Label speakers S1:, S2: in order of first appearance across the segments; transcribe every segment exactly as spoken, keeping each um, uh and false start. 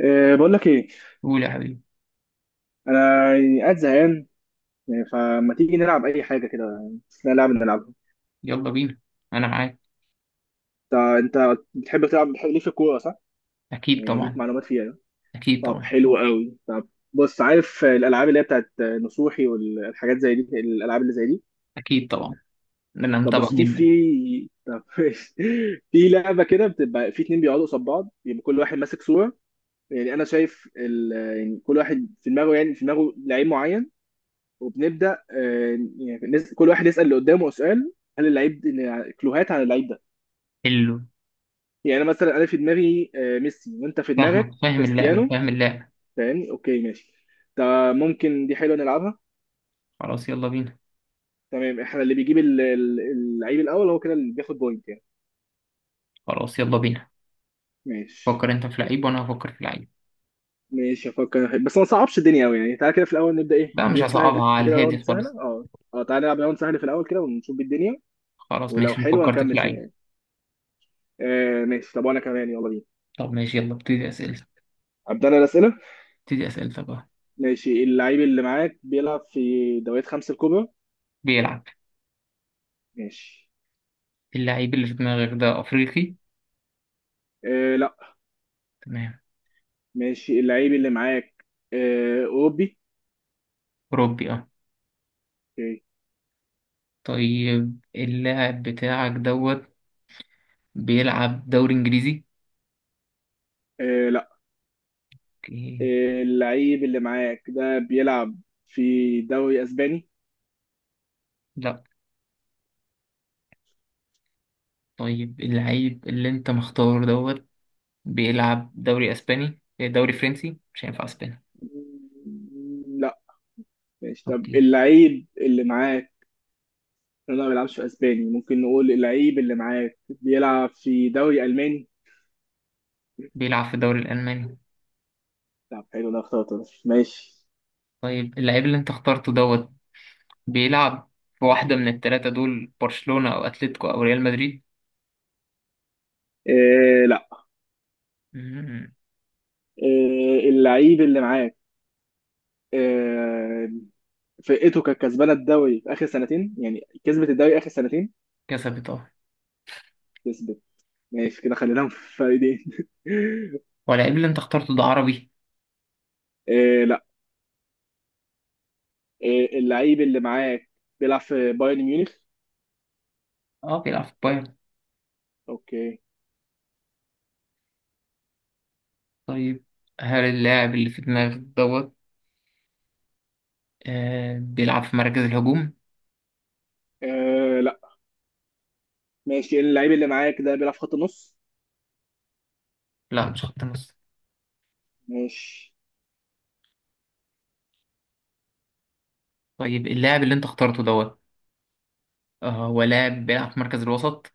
S1: أه بقول لك ايه.
S2: قول يا حبيبي.
S1: انا يعني قاعد زهقان، يعني فما تيجي نلعب اي حاجه كده. لا لعبه نلعبها.
S2: يلا بينا، انا معاك.
S1: انت انت بتحب تلعب، بتحب ليك في الكوره صح؟
S2: اكيد
S1: يعني ليك
S2: طبعا.
S1: معلومات فيها يعني.
S2: اكيد
S1: طب
S2: طبعا.
S1: حلو قوي. طب بص، عارف الالعاب اللي هي بتاعت نصوحي والحاجات زي دي، الالعاب اللي زي دي؟
S2: اكيد طبعا، انا
S1: طب
S2: متابع
S1: بص، في
S2: جدا.
S1: في طب في لعبه كده بتبقى في اتنين بيقعدوا قصاد بعض، يبقى كل واحد ماسك صوره. يعني انا شايف ال... يعني كل واحد في دماغه، يعني في دماغه لعيب معين. وبنبدا آه، يعني نس- كل واحد يسال اللي قدامه سؤال: هل اللعيب كلوهات على اللعيب ده؟
S2: حلو.
S1: يعني أنا مثلا انا في دماغي آه، ميسي، وانت في دماغك
S2: فاهمك، فاهم اللعبه
S1: كريستيانو.
S2: فاهم اللعبه
S1: فاهمني؟ اوكي ماشي. ده ممكن، دي حلوه نلعبها.
S2: خلاص يلا بينا.
S1: تمام، احنا اللي بيجيب ال- ال- اللعيب الاول هو كده اللي بياخد بوينت يعني.
S2: خلاص يلا بينا.
S1: ماشي.
S2: فكر انت في لعيب وانا هفكر في لعيب.
S1: ماشي افكر، بس ما صعبش الدنيا قوي يعني. تعالى كده في الاول نبدا ايه،
S2: لا، مش
S1: جيم
S2: هصعبها
S1: سهل
S2: على
S1: كده، راوند
S2: الهادي
S1: سهله
S2: خالص.
S1: اه. اه تعالى نلعب راوند سهل في الاول كده ونشوف الدنيا.
S2: خلاص
S1: ولو
S2: ماشي، ما
S1: حلوه
S2: فكرت في
S1: نكمل فيها
S2: لعيب.
S1: يعني. آه ماشي، طب وانا كمان، يلا بينا.
S2: طب ماشي، يلا ابتدي اسئلتك.
S1: ابدا انا الاسئله.
S2: ابتدي اسئلتك بقى.
S1: ماشي، اللعيب اللي معاك بيلعب في دوريات خمسة الكبرى؟
S2: بيلعب.
S1: ماشي.
S2: اللعيب اللي في دماغك ده افريقي؟
S1: آه لا.
S2: تمام.
S1: ماشي، اللعيب اللي معاك آه أوروبي؟
S2: اوروبي اه.
S1: اوكي.
S2: طيب اللاعب بتاعك دوت بيلعب دوري انجليزي؟
S1: آه لا.
S2: اوكي.
S1: آه اللعيب اللي معاك ده بيلعب في دوري أسباني؟
S2: لا. طيب اللعيب اللي انت مختار دوت بيلعب دوري اسباني إيه، دوري فرنسي مش هينفع اسباني.
S1: مم، لا. ماشي طب
S2: اوكي.
S1: اللعيب اللي معاك، لا ما بيلعبش في أسباني، ممكن نقول اللعيب اللي معاك بيلعب في دوري ألماني؟
S2: بيلعب في الدوري الالماني.
S1: طب حلو، ده اخترته ده. ماشي.
S2: طيب اللعيب اللي انت اخترته دوت بيلعب في واحدة من التلاتة دول، برشلونة او اتلتيكو او ريال مدريد؟
S1: آه لا.
S2: مم.
S1: آه اللعيب اللي معاك آه، فرقته كانت كسبانه الدوري في اخر سنتين، يعني كسبت الدوري اخر سنتين؟
S2: كسبت اه.
S1: كسبت. ماشي كده خليناهم في فريقين.
S2: واللعيب اللي انت اخترته ده عربي؟
S1: إيه لا. إيه اللعيب اللي معاك بيلعب في بايرن ميونخ؟
S2: اه، بيلعب في بايرن.
S1: اوكي.
S2: طيب، هل اللاعب اللي في دماغك دوت آه بيلعب في مركز الهجوم؟
S1: إيه لا. ماشي، اللعيب اللي معاك ده بيلعب في خط النص؟
S2: لا، مش خط نص.
S1: ماشي.
S2: طيب اللاعب اللي انت اخترته دوت آه هو لاعب بيلعب في مركز الوسط؟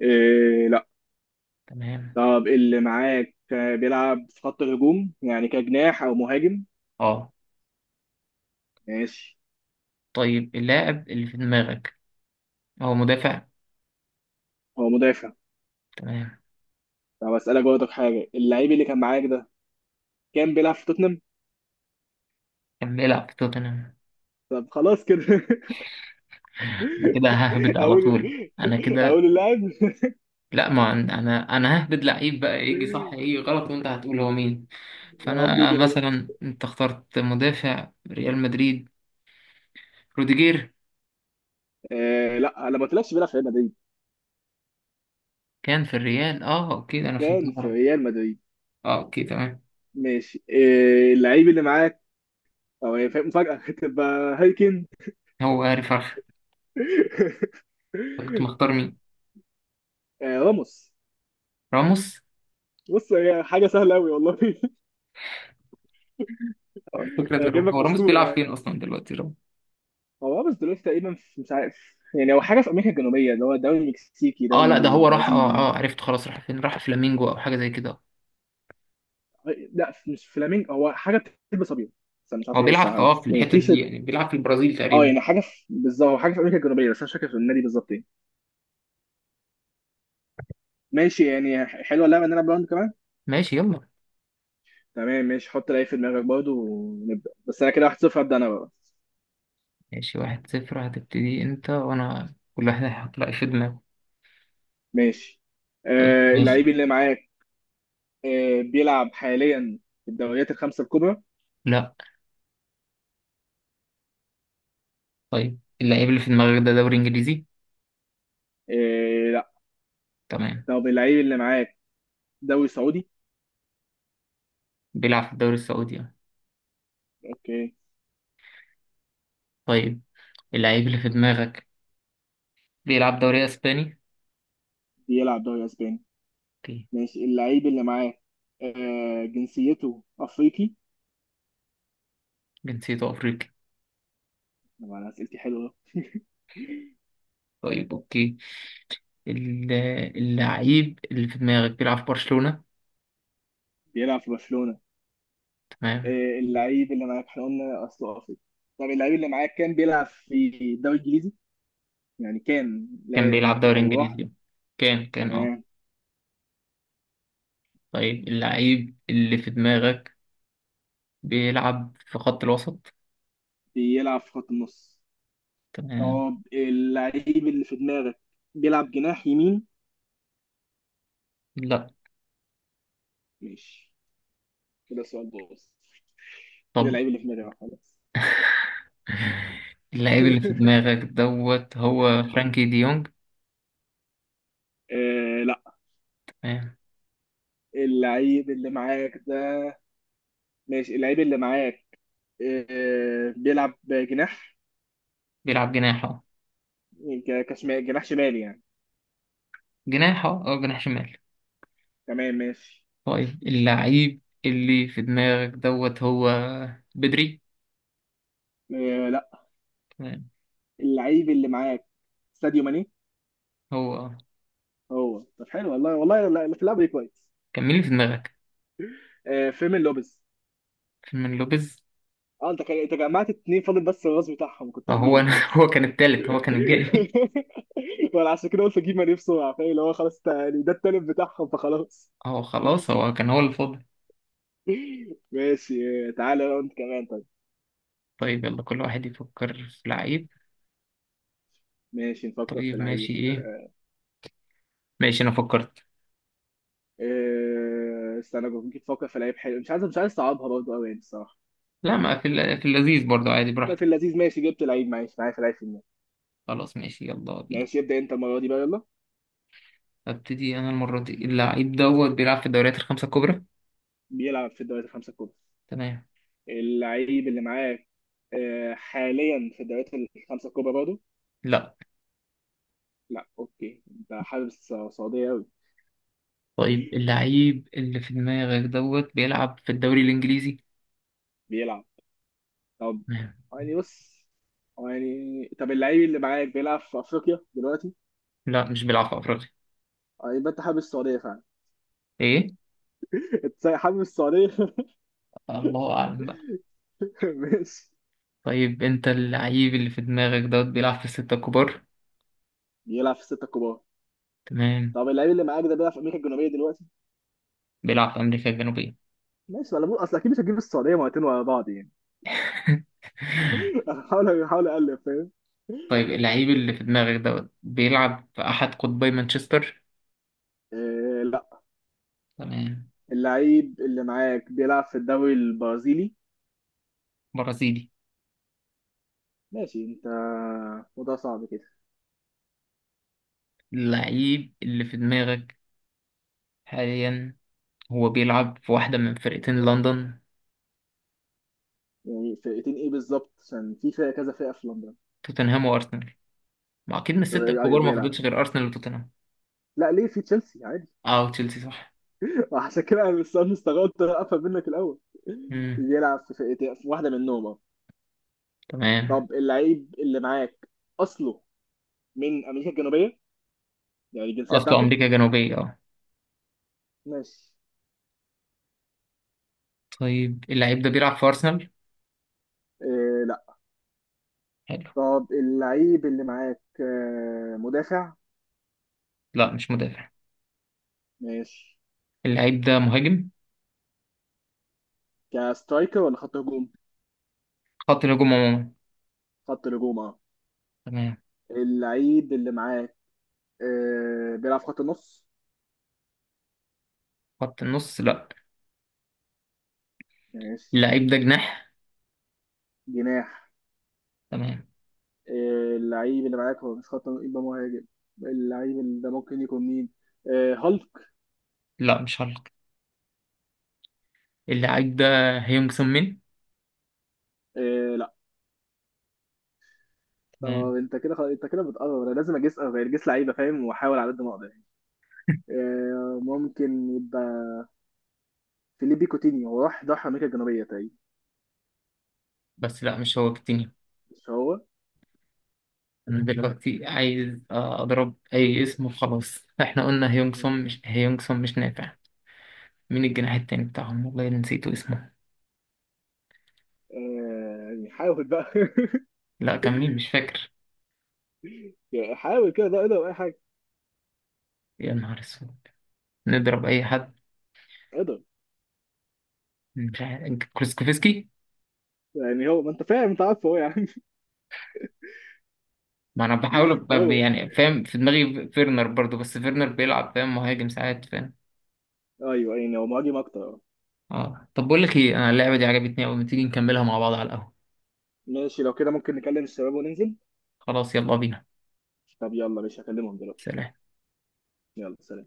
S1: إيه لا.
S2: تمام.
S1: طب اللي معاك آه، بيلعب في خط الهجوم، يعني كجناح او مهاجم؟
S2: اه.
S1: ماشي.
S2: طيب اللاعب اللي في دماغك هو مدافع؟
S1: هو مدافع.
S2: تمام.
S1: طب اسالك برضك حاجه، اللعيب اللي كان معاك ده كان بيلعب في توتنهام؟
S2: كان بيلعب في توتنهام.
S1: طب خلاص كده.
S2: انا كده ههبد على
S1: اقول.
S2: طول. انا كده.
S1: اقول اللاعب.
S2: لا، ما عن- انا انا ههبد لعيب بقى، يجي صح يجي غلط وانت هتقول هو مين.
S1: اه
S2: فانا
S1: بيجي غلط.
S2: مثلا، انت اخترت مدافع ريال مدريد، روديجير.
S1: آه لا، انا ما قلتلكش بيلعب في ريال مدريد.
S2: كان في الريال، اه اوكي، ده انا فهمت
S1: كان في
S2: غلط.
S1: ريال مدريد.
S2: اه اوكي تمام.
S1: ماشي. آه اللعيب اللي معاك، او هي فاهم- مفاجأة تبقى هايكن.
S2: هو هاري فرخ. كنت مختار مين؟
S1: آه راموس.
S2: راموس.
S1: بص هي حاجة سهلة أوي والله.
S2: الفكرة ان
S1: هجيب لك
S2: هو راموس
S1: أسطورة
S2: بيلعب
S1: يعني.
S2: فين اصلا دلوقتي راموس؟
S1: هو راموس دلوقتي تقريبا في- مش عارف يعني، هو حاجة في أمريكا الجنوبية، اللي هو دوري مكسيكي،
S2: اه لا، ده
S1: دوري
S2: هو راح، اه
S1: برازيلي.
S2: اه عرفت، خلاص راح فين، راح فلامينجو او حاجة زي كده.
S1: لا مش فلامينج، هو حاجة بتلبس أبيض، بس أنا مش عارف
S2: هو
S1: هي إيه
S2: بيلعب في
S1: الصراحة،
S2: اه في
S1: بس يعني
S2: الحتة
S1: تي.
S2: دي، يعني بيلعب في البرازيل
S1: اه
S2: تقريبا.
S1: يعني حاجه في بالظبط، هو حاجه في امريكا الجنوبيه، بس انا مش فاكر في النادي بالظبط ايه. ماشي يعني، ح- حلوه اللعبه ان انا براوند كمان.
S2: ماشي يلا.
S1: تمام ماشي، حط لعيب في دماغك برضه ونبدا. بس انا كده واحد صفر. هبدا انا بقى.
S2: ماشي، واحد صفر، هتبتدي انت وانا كل واحد هيحط رأي في دماغه.
S1: ماشي.
S2: طيب
S1: آه
S2: ماشي.
S1: اللعيب اللي معاك آه بيلعب حاليا في الدوريات الخمسه الكبرى؟
S2: لا. طيب اللعيب اللي في دماغك ده دوري انجليزي؟
S1: آه لا.
S2: تمام.
S1: طب اللعيب اللي معاك دوري سعودي؟
S2: بيلعب في الدوري السعودي اه.
S1: اوكي.
S2: طيب اللعيب اللي في دماغك بيلعب دوري اسباني؟
S1: بيلعب دوري اسباني.
S2: اوكي.
S1: ماشي، اللعيب اللي معاك آه جنسيته افريقي؟
S2: جنسيته افريقي.
S1: طبعا اسئلتي حلوه.
S2: طيب اوكي. ال- اللعيب اللي في دماغك بيلعب في برشلونة؟
S1: بيلعب في برشلونه.
S2: تمام.
S1: آه، اللعيب اللي معاك احنا قلنا اصله افريقي. طب اللعيب اللي معاك كان بيلعب في الدوري الانجليزي، يعني كان،
S2: كان
S1: لا يعني
S2: بيلعب
S1: ك-
S2: دوري
S1: او راح؟
S2: انجليزي. كان كان اه.
S1: تمام.
S2: طيب اللعيب اللي في دماغك بيلعب في خط الوسط.
S1: بيلعب في خط النص.
S2: تمام.
S1: طب اللعيب اللي في دماغك بيلعب جناح يمين؟
S2: لا.
S1: ماشي. كده سؤال بص، كده
S2: طب
S1: اللعيب اللي في دماغي راح خلاص.
S2: اللاعب اللي في دماغك دوت هو فرانكي دي يونج؟
S1: آه لا.
S2: تمام.
S1: اللعيب اللي معاك ده. ماشي اللعيب اللي معاك آه بيلعب جناح؟
S2: بيلعب جناح اه.
S1: يعني ك- كشمال، جناح شمال يعني.
S2: جناح اه، أو جناح شمال.
S1: تمام ماشي.
S2: طيب اللاعب اللي في دماغك دوت هو بدري؟
S1: آه،
S2: تمام.
S1: اللعيب اللي معاك ساديو ماني؟
S2: هو آه.
S1: هو. طب حلو والله. والله لا- في اللعبه دي كويس.
S2: كان مين اللي في دماغك؟
S1: آه فيرمين لوبيز.
S2: فيرمين لوبيز.
S1: اه انت كا- انت جمعت اتنين، فاضل بس الراس بتاعهم، كنت
S2: اه، هو
S1: هتجيبه
S2: انا هو
S1: خلاص.
S2: كان التالت، هو كان الجاي.
S1: ولا عشان كده قلت اجيب ماني بسرعه، فاهم؟ اللي هو خلاص تا- يعني ده التالت بتاعهم فخلاص.
S2: اه خلاص، هو كان هو اللي فاضل.
S1: ماشي. آه، تعالى لو انت كمان طيب.
S2: طيب يلا، كل واحد يفكر في لعيب.
S1: ماشي نفكر في
S2: طيب ماشي
S1: لعيب.
S2: ايه. ماشي، انا فكرت.
S1: آه، استنى، ممكن تفكر في لعيب حلو، مش عايز مش عايز صعبها برضه قوي يعني الصراحه.
S2: لا، ما في الل- في اللذيذ برضه عادي
S1: ما في
S2: براحتك.
S1: اللذيذ ماشي، جبت لعيب، معلش معايا في لعيب في النادي.
S2: خلاص ماشي، يلا بينا.
S1: ماشي ابدا انت المره دي بقى، يلا.
S2: ابتدي انا المرة دي. اللعيب دوت بيلعب في الدوريات الخمسة الكبرى.
S1: بيلعب في الدوري الخمسه الكبرى.
S2: تمام.
S1: اللعيب اللي معاك آه، حاليا في الدوريات الخمسة الكبرى برضه؟
S2: لا.
S1: لا اوكي. ده حارس سعودي أوي.
S2: طيب اللعيب اللي في دماغك دوت بيلعب في الدوري الانجليزي؟
S1: بيلعب. طب
S2: تمام.
S1: يعني بص، يعني طب اللعيب اللي معاك بيلعب في افريقيا دلوقتي؟
S2: لا، مش بيلعب في افريقيا.
S1: آه، يبقى انت حابب السعودية فعلا.
S2: ايه؟
S1: انت حابب السعودية.
S2: الله اعلم بقى.
S1: ماشي.
S2: طيب انت، اللعيب اللي في دماغك دوت بيلعب في الستة الكبار؟
S1: بيلعب في الستة الكبار.
S2: تمام.
S1: طب اللعيب اللي معاك ده بيلعب في امريكا الجنوبية دلوقتي؟
S2: بيلعب في امريكا الجنوبية.
S1: ماشي، ولا بقول اصل اكيد مش هتجيب السعودية مرتين ورا بعض يعني. حاول حاول اقلب فاهم.
S2: طيب اللعيب اللي في دماغك دوت بيلعب في احد قطبي مانشستر؟
S1: آه، لا.
S2: تمام.
S1: اللعيب اللي معاك بيلعب في الدوري البرازيلي.
S2: برازيلي.
S1: ماشي انت. وده صعب كده.
S2: اللعيب اللي في دماغك حاليا، هو بيلعب في واحدة من فرقتين لندن.
S1: يعني فرقتين ايه بالظبط، عشان في فرقه كذا فرقه في لندن.
S2: توتنهام وأرسنال. ما أكيد من
S1: طب
S2: الستة
S1: ايه، ايوه
S2: الكبار ما
S1: بيلعب.
S2: فضلش غير أرسنال وتوتنهام.
S1: لا ليه، في تشيلسي عادي.
S2: أه وتشيلسي صح.
S1: عشان كده انا مست- مستغربت افهم منك الاول.
S2: مم.
S1: بيلعب في فرقتين، في واحده منهم اه.
S2: تمام.
S1: طب اللعيب اللي معاك اصله من امريكا الجنوبيه، يعني الجنسيه
S2: أصله
S1: بتاعته.
S2: أمريكا الجنوبية أه.
S1: ماشي.
S2: طيب اللعيب ده بيلعب في أرسنال؟
S1: إيه لا.
S2: حلو.
S1: طب اللعيب اللي معاك آه، مدافع؟
S2: لا، مش مدافع.
S1: ماشي.
S2: اللعيب ده مهاجم.
S1: كسترايكر ولا خط هجوم؟
S2: خط الهجوم عموما.
S1: خط هجوم اه.
S2: تمام.
S1: اللعيب اللي معاك آه، بيلعب في خط النص؟
S2: خط النص لا.
S1: ماشي.
S2: اللعيب ده جناح.
S1: جناح.
S2: تمام.
S1: آه، اللعيب اللي معاك هو مش خط نص، يبقى مهاجم. اللعيب اللي ده ممكن يكون مين؟ آه، هالك.
S2: لا، مش هالك. اللعيب ده هيونج سون مين.
S1: آه، لا. طب
S2: تمام.
S1: انت كده خ- انت كده بتقرب، انا لازم اجيس غير جيس لعيبه فاهم، واحاول على قد ما اقدر يعني. آه، ممكن يبقى فيليبي كوتينيو، هو راح ضحى امريكا الجنوبيه تقريبا.
S2: بس لا مش هو كتير.
S1: مش هو.
S2: انا دلوقتي عايز آه، اضرب اي اسم وخلاص، احنا قلنا هيونغسون مش هيونغسون مش نافع. مين الجناح التاني بتاعهم؟ والله أنا نسيته اسمه.
S1: آه، يعني حاول بقى.
S2: لا، كان مين؟ مش فاكر.
S1: يعني حاول كده، ده اقدر اي حاجه.
S2: يا نهار اسود. نضرب اي حد.
S1: اقدر.
S2: مش عارف، كروسكوفسكي.
S1: يعني هو، ما انت فاهم، انت عارف هو يعني.
S2: ما انا بحاول ب-
S1: هو
S2: يعني فاهم، في دماغي فيرنر برضو، بس فيرنر بيلعب فاهم مهاجم ساعات فاهم.
S1: ايوه يعني هو مهاجم اكتر.
S2: اه طب بقول لك ايه، انا اللعبة دي عجبتني قوي، ما تيجي نكملها مع بعض على القهوة.
S1: ماشي لو كده، ممكن نكلم الشباب وننزل.
S2: خلاص يلا بينا.
S1: طب يلا ماشي، هكلمهم دلوقتي.
S2: سلام.
S1: يلا سلام.